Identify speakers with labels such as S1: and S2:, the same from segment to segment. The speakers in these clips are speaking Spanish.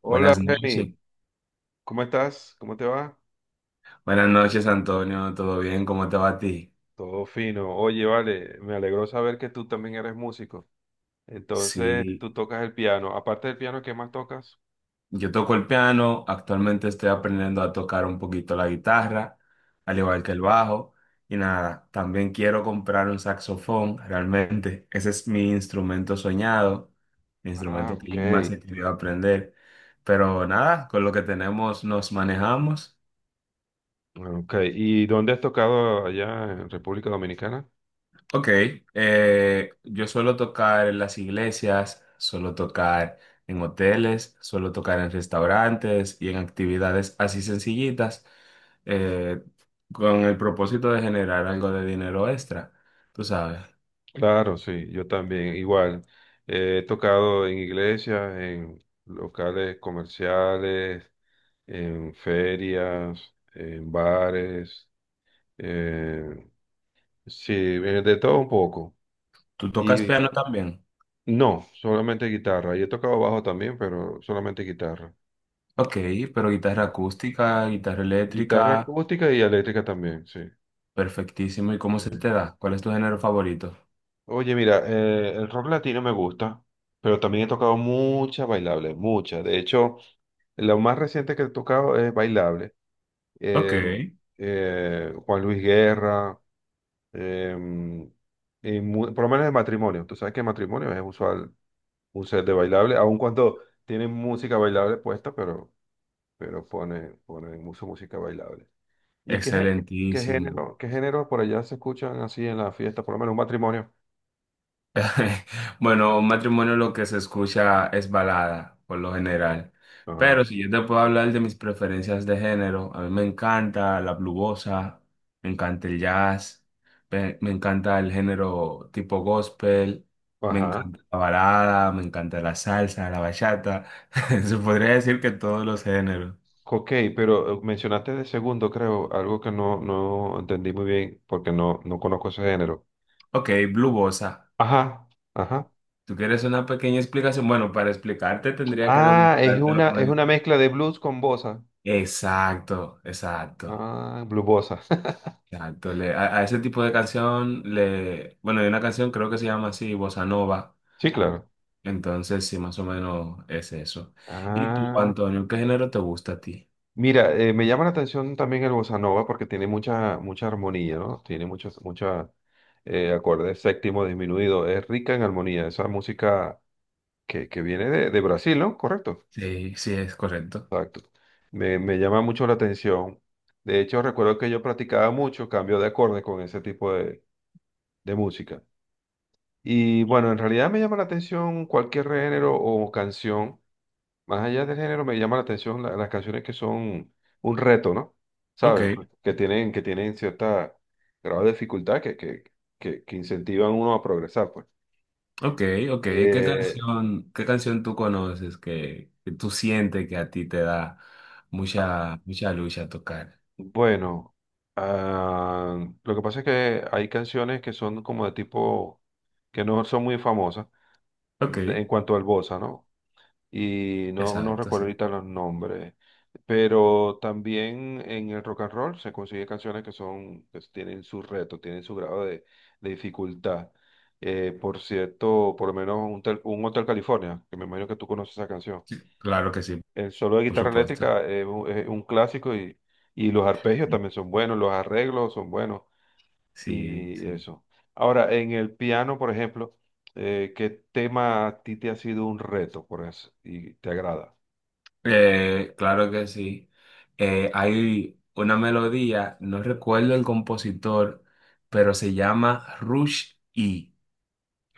S1: Hola
S2: Buenas noches.
S1: Jenny, ¿cómo estás? ¿Cómo te va?
S2: Buenas noches, Antonio. ¿Todo bien? ¿Cómo te va a ti?
S1: Todo fino. Oye, vale, me alegró saber que tú también eres músico. Entonces,
S2: Sí,
S1: tú tocas el piano. Aparte del piano, ¿qué más tocas?
S2: yo toco el piano. Actualmente estoy aprendiendo a tocar un poquito la guitarra, al igual
S1: Ah,
S2: que el bajo. Y nada, también quiero comprar un saxofón, realmente. Ese es mi instrumento soñado, mi
S1: ah,
S2: instrumento que yo más
S1: ok.
S2: he querido aprender. Pero nada, con lo que tenemos nos manejamos.
S1: Ah, ok. ¿Y dónde has tocado allá en República Dominicana?
S2: Ok, yo suelo tocar en las iglesias, suelo tocar en hoteles, suelo tocar en restaurantes y en actividades así sencillitas, eh, con el propósito de generar algo de dinero extra. Tú sabes,
S1: Claro, sí, yo también, igual. He tocado en iglesias, en locales comerciales, en ferias, en bares. eh, sí, de todo un poco.
S2: ¿tú tocas
S1: Y
S2: piano también?
S1: no, solamente guitarra. Yo he tocado bajo también, pero solamente guitarra.
S2: Ok, pero guitarra
S1: Sí.
S2: acústica, guitarra
S1: Guitarra
S2: eléctrica,
S1: acústica y eléctrica también, sí.
S2: perfectísimo. ¿Y cómo
S1: Sí.
S2: se te da? ¿Cuál es tu género favorito?
S1: Oye, mira, el rock latino me gusta, pero también he tocado muchas bailables, muchas. De hecho, lo más reciente que he tocado es bailable.
S2: Ok,
S1: Eh, Juan Luis Guerra, eh, y por lo menos en matrimonio. Tú sabes que en matrimonio es usual un set de bailable, aun cuando tienen música bailable puesta, pero pone mucha música bailable. ¿Y qué, gé- ¿qué
S2: excelentísimo.
S1: género, qué género por allá se escuchan así en la fiesta, por lo menos un matrimonio?
S2: Bueno, un matrimonio lo que se escucha es balada, por lo general.
S1: Ah,
S2: Pero si yo te puedo hablar de mis preferencias de género, a mí me encanta la blubosa, me encanta el jazz, me encanta el género tipo gospel, me
S1: ajá.
S2: encanta la balada, me encanta la salsa, la bachata. Se podría decir que todos los géneros.
S1: Ok, pero mencionaste de segundo, creo, algo que no entendí muy bien porque no conozco ese género.
S2: Ok, blubosa.
S1: Ajá, ajá.
S2: ¿Tú quieres una pequeña explicación? Bueno, para explicarte tendría que
S1: Ah,
S2: demostrártelo con
S1: es
S2: el...
S1: una mezcla de blues con bossa.
S2: Exacto, exacto.
S1: Ah, blues bossa.
S2: Exacto, le- a ese tipo de canción le, bueno, hay una canción creo que se llama así, Bossa Nova,
S1: Sí, claro.
S2: entonces sí, más o menos es eso. ¿Y tú,
S1: Ah.
S2: Antonio, qué género te gusta a ti?
S1: Mira, me llama la atención también el bossa nova porque tiene mucha, mucha armonía, ¿no? Tiene muchos, muchos acordes séptimo disminuido. Es rica en armonía. Esa música que viene de Brasil, ¿no? Correcto.
S2: Sí, sí, es correcto.
S1: Exacto. Me llama mucho la atención. De hecho, recuerdo que yo practicaba mucho cambio de acordes con ese tipo de música. Y bueno, en realidad me llama la atención cualquier género o canción. Más allá del género, me llama la atención las canciones que son un reto, ¿no?
S2: Ok,
S1: ¿Sabes? Que tienen cierta grado de dificultad que, que incentivan a uno a progresar, pues.
S2: ok, ok.
S1: Eh,
S2: Qué canción tú conoces que tú sientes que a ti te da
S1: ah,
S2: mucha, mucha lucha tocar?
S1: bueno, ah, lo que pasa es que hay canciones que son como de tipo, que no son muy famosas
S2: Ok,
S1: en cuanto al bossa, ¿no? Y no, no
S2: exacto,
S1: recuerdo
S2: sí.
S1: ahorita los nombres, pero también en el rock and roll se consigue canciones que son, que tienen su reto, tienen su grado de dificultad. Por cierto, por lo menos un Hotel California, que me imagino que tú conoces esa canción.
S2: Sí, claro que sí,
S1: El solo de
S2: por
S1: guitarra
S2: supuesto.
S1: eléctrica es un clásico y los arpegios también son buenos, los arreglos son buenos
S2: Sí,
S1: y
S2: sí.
S1: eso. Ahora, en el piano, por ejemplo, ¿qué tema a ti te ha sido un reto por eso y te agrada?
S2: Claro que sí. Hay una melodía, no recuerdo el compositor, pero se llama Rush E.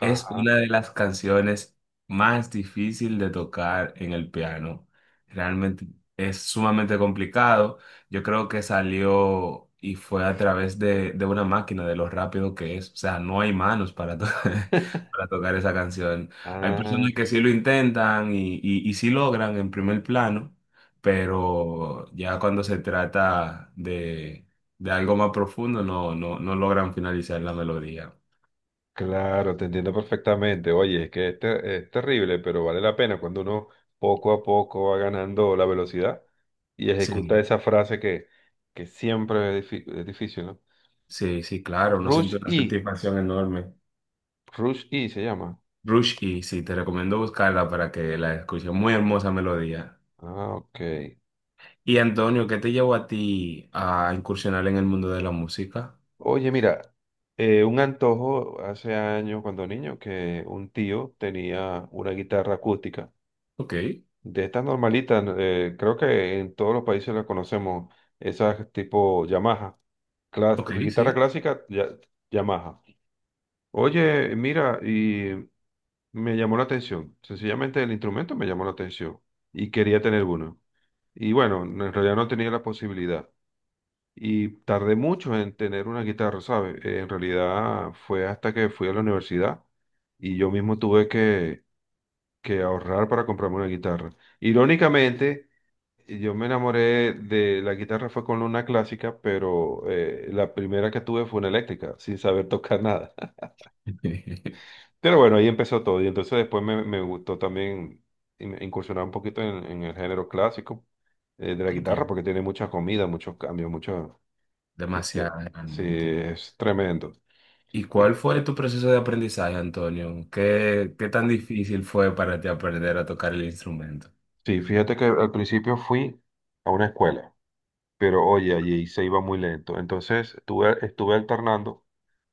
S2: Es una de las canciones más difíciles de tocar en el piano. Realmente es sumamente complicado. Yo creo que salió y fue a través de una máquina, de lo rápido que es. O sea, no hay manos para, to- para tocar esa canción. Hay
S1: Ah,
S2: personas que sí lo intentan y sí logran en primer plano, pero ya cuando se trata de algo más profundo, no, no, no logran finalizar la melodía.
S1: claro, te entiendo perfectamente. Oye, es que es terrible, pero vale la pena cuando uno poco a poco va ganando la velocidad y ejecuta
S2: Sí.
S1: esa frase que siempre es difícil, ¿no?
S2: Sí, sí, claro, uno siente
S1: Rush
S2: una
S1: E,
S2: satisfacción enorme.
S1: Rush E se llama.
S2: Rush y sí, te recomiendo buscarla para que la escuches. Muy hermosa melodía.
S1: Ah, ok.
S2: Y Antonio, ¿qué te llevó a ti a incursionar en el mundo de la música?
S1: Oye, mira, un antojo hace años cuando niño que un tío tenía una guitarra acústica.
S2: Ok,
S1: De estas normalitas, creo que en todos los países las conocemos, esas tipo Yamaha,
S2: ok,
S1: guitarra
S2: sí.
S1: clásica, Yamaha. Oye, mira, y me llamó la atención, sencillamente el instrumento me llamó la atención y quería tener uno. Y bueno, no, en realidad no tenía la posibilidad. Y tardé mucho en tener una guitarra, ¿sabes? En realidad fue hasta que fui a la universidad y yo mismo tuve que ahorrar para comprarme una guitarra. Irónicamente, y yo me enamoré de la guitarra fue con una clásica, pero la primera que tuve fue una eléctrica, sin saber tocar nada. Pero bueno, ahí empezó todo. Y entonces después me, me gustó también incursionar un poquito en el género clásico de la guitarra,
S2: Ok,
S1: porque tiene mucha comida, muchos cambios, mucho, este,
S2: demasiado,
S1: sí,
S2: realmente.
S1: es tremendo.
S2: ¿Y cuál
S1: Sí,
S2: fue tu proceso de aprendizaje, Antonio? ¿Qué, qué tan difícil fue para ti aprender a tocar el instrumento?
S1: sí, fíjate que al principio fui a una escuela, pero oye, allí se iba muy lento. Entonces estuve alternando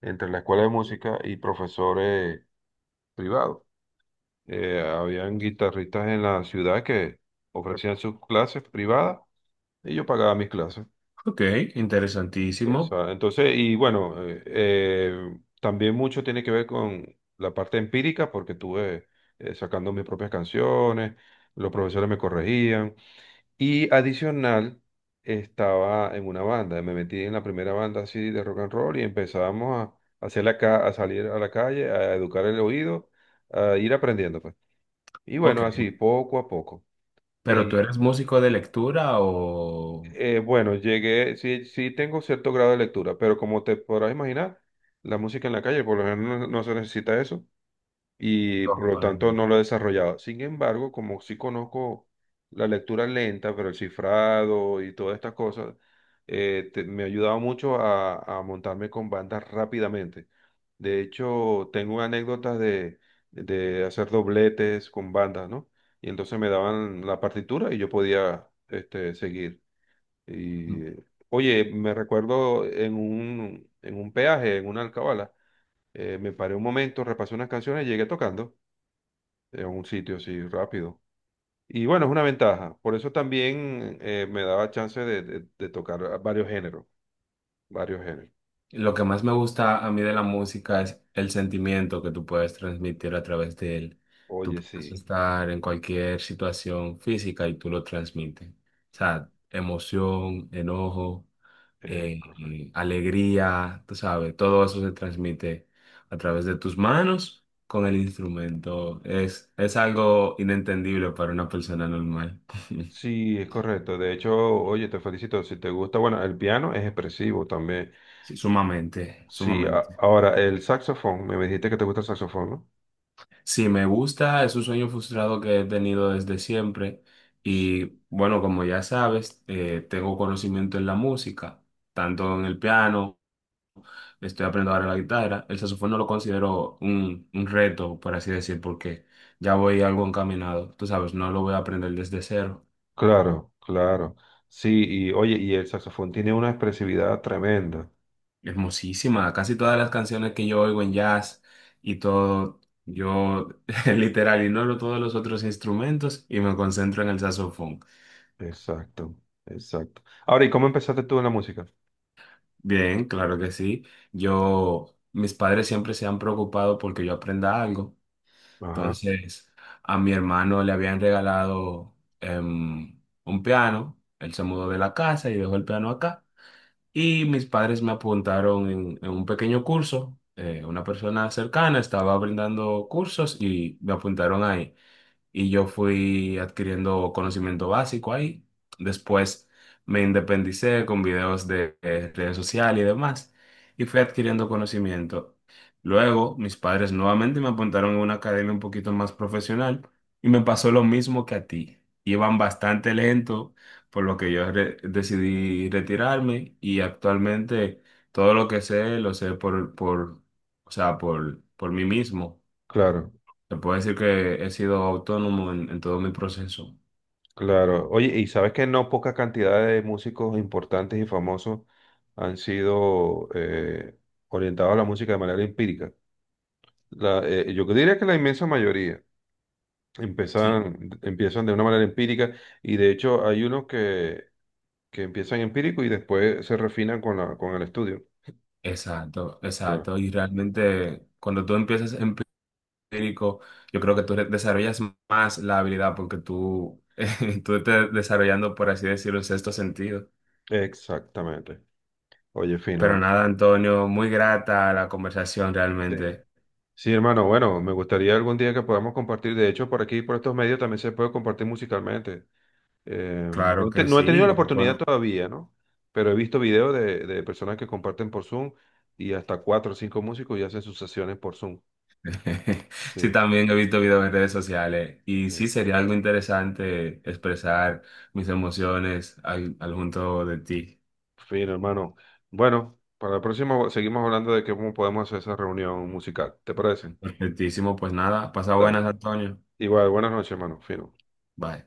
S1: entre la escuela de música y profesores privado. Habían guitarristas en la ciudad que ofrecían sus clases privadas y yo pagaba mis clases.
S2: Ok, interesantísimo.
S1: Entonces, y bueno, también mucho tiene que ver con la parte empírica porque estuve sacando mis propias canciones, los profesores me corregían y adicional estaba en una banda, me metí en la primera banda así de rock and roll y empezábamos hacer a salir a la calle, a educar el oído, a ir aprendiendo, pues. Y bueno,
S2: Ok,
S1: así, poco a poco.
S2: ¿pero tú
S1: Y
S2: eres músico de lectura o...?
S1: bueno, llegué, sí, sí tengo cierto grado de lectura, pero como te podrás imaginar, la música en la calle, por lo general no, no se necesita eso. Y por
S2: No,
S1: lo
S2: para
S1: tanto
S2: nada.
S1: no lo he desarrollado. Sin embargo, como sí conozco la lectura lenta, pero el cifrado y todas estas cosas, me ha ayudado mucho a montarme con bandas rápidamente. De hecho, tengo anécdotas de hacer dobletes con bandas, ¿no? Y entonces me daban la partitura y yo podía este, seguir. Y, oye, me recuerdo en un peaje, en una alcabala, me paré un momento, repasé unas canciones y llegué tocando en un sitio así rápido. Y bueno, es una ventaja. Por eso también me daba chance de, de tocar varios géneros, varios géneros.
S2: Lo que más me gusta a mí de la música es el sentimiento que tú puedes transmitir a través de él. Tú
S1: Oye,
S2: puedes
S1: sí,
S2: estar en cualquier situación física y tú lo transmites. O sea, emoción, enojo,
S1: es correcto.
S2: alegría, tú sabes, todo eso se transmite a través de tus manos con el instrumento. Es algo inentendible para una persona normal.
S1: Sí, es correcto. De hecho, oye, te felicito. Si te gusta, bueno, el piano es expresivo también.
S2: Sí, sumamente,
S1: Sí,
S2: sumamente.
S1: ahora el saxofón, me dijiste que te gusta el saxofón, ¿no?
S2: Sí, me gusta, es un sueño frustrado que he tenido desde siempre
S1: S-
S2: y bueno, como ya sabes, tengo conocimiento en la música, tanto en el piano, estoy aprendiendo ahora la guitarra, el saxofón no lo considero un reto, por así decir, porque ya voy algo encaminado, tú sabes, no lo voy a aprender desde cero.
S1: Claro, claro. Sí, y oye, y el saxofón tiene una expresividad tremenda.
S2: Hermosísima, casi todas las canciones que yo oigo en jazz y todo, yo literal ignoro todos los otros instrumentos y me concentro en el saxofón.
S1: Exacto, exacto. Ahora, ¿y cómo empezaste tú en la música?
S2: Bien, claro que sí. Yo, mis padres siempre se han preocupado porque yo aprenda algo.
S1: Ajá,
S2: Entonces, a mi hermano le habían regalado un piano. Él se mudó de la casa y dejó el piano acá. Y mis padres me apuntaron en un pequeño curso. Una persona cercana estaba brindando cursos y me apuntaron ahí y yo fui adquiriendo conocimiento básico ahí. Después me independicé con videos de, redes sociales y demás y fui adquiriendo conocimiento. Luego mis padres nuevamente me apuntaron a una academia un poquito más profesional y me pasó lo mismo que a ti. Iban bastante lento, por lo que yo re- decidí retirarme y actualmente todo lo que sé lo sé por, o sea, por mí mismo.
S1: claro.
S2: Te puedo decir que he sido autónomo en todo mi proceso.
S1: Claro, oye, y sabes que no poca cantidad de músicos importantes y famosos han sido orientados a la música de manera empírica. La, yo diría que la inmensa mayoría
S2: Sí,
S1: empiezan de una manera empírica y de hecho hay unos que empiezan empírico y después se refinan con la, con el estudio.
S2: exacto,
S1: Claro.
S2: exacto. Y realmente cuando tú empiezas empírico, yo creo que tú re- desarrollas más la habilidad porque tú, tú te desarrollando, por así decirlo, un sexto sentido.
S1: Exactamente. Oye,
S2: Pero
S1: fino.
S2: nada, Antonio, muy grata la conversación
S1: Sí.
S2: realmente.
S1: Sí, hermano, bueno, me gustaría algún día que podamos compartir, de hecho, por aquí, por estos medios también se puede compartir musicalmente. Eh,
S2: Claro
S1: no,
S2: que
S1: no he tenido
S2: sí,
S1: la oportunidad
S2: bueno.
S1: todavía, ¿no? Pero he visto videos de personas que comparten por Zoom y hasta cuatro o cinco músicos y hacen sus sesiones por Zoom. Sí.
S2: Sí, también he visto videos en redes sociales y
S1: Sí.
S2: sí sería algo interesante expresar mis emociones al, al junto de ti.
S1: Fin, hermano. Bueno, para la próxima seguimos hablando de cómo podemos hacer esa reunión musical. ¿Te parece?
S2: Perfectísimo, pues nada, pasa
S1: Dale.
S2: buenas, Antonio.
S1: Igual, buenas noches, hermano. Fino.
S2: Bye.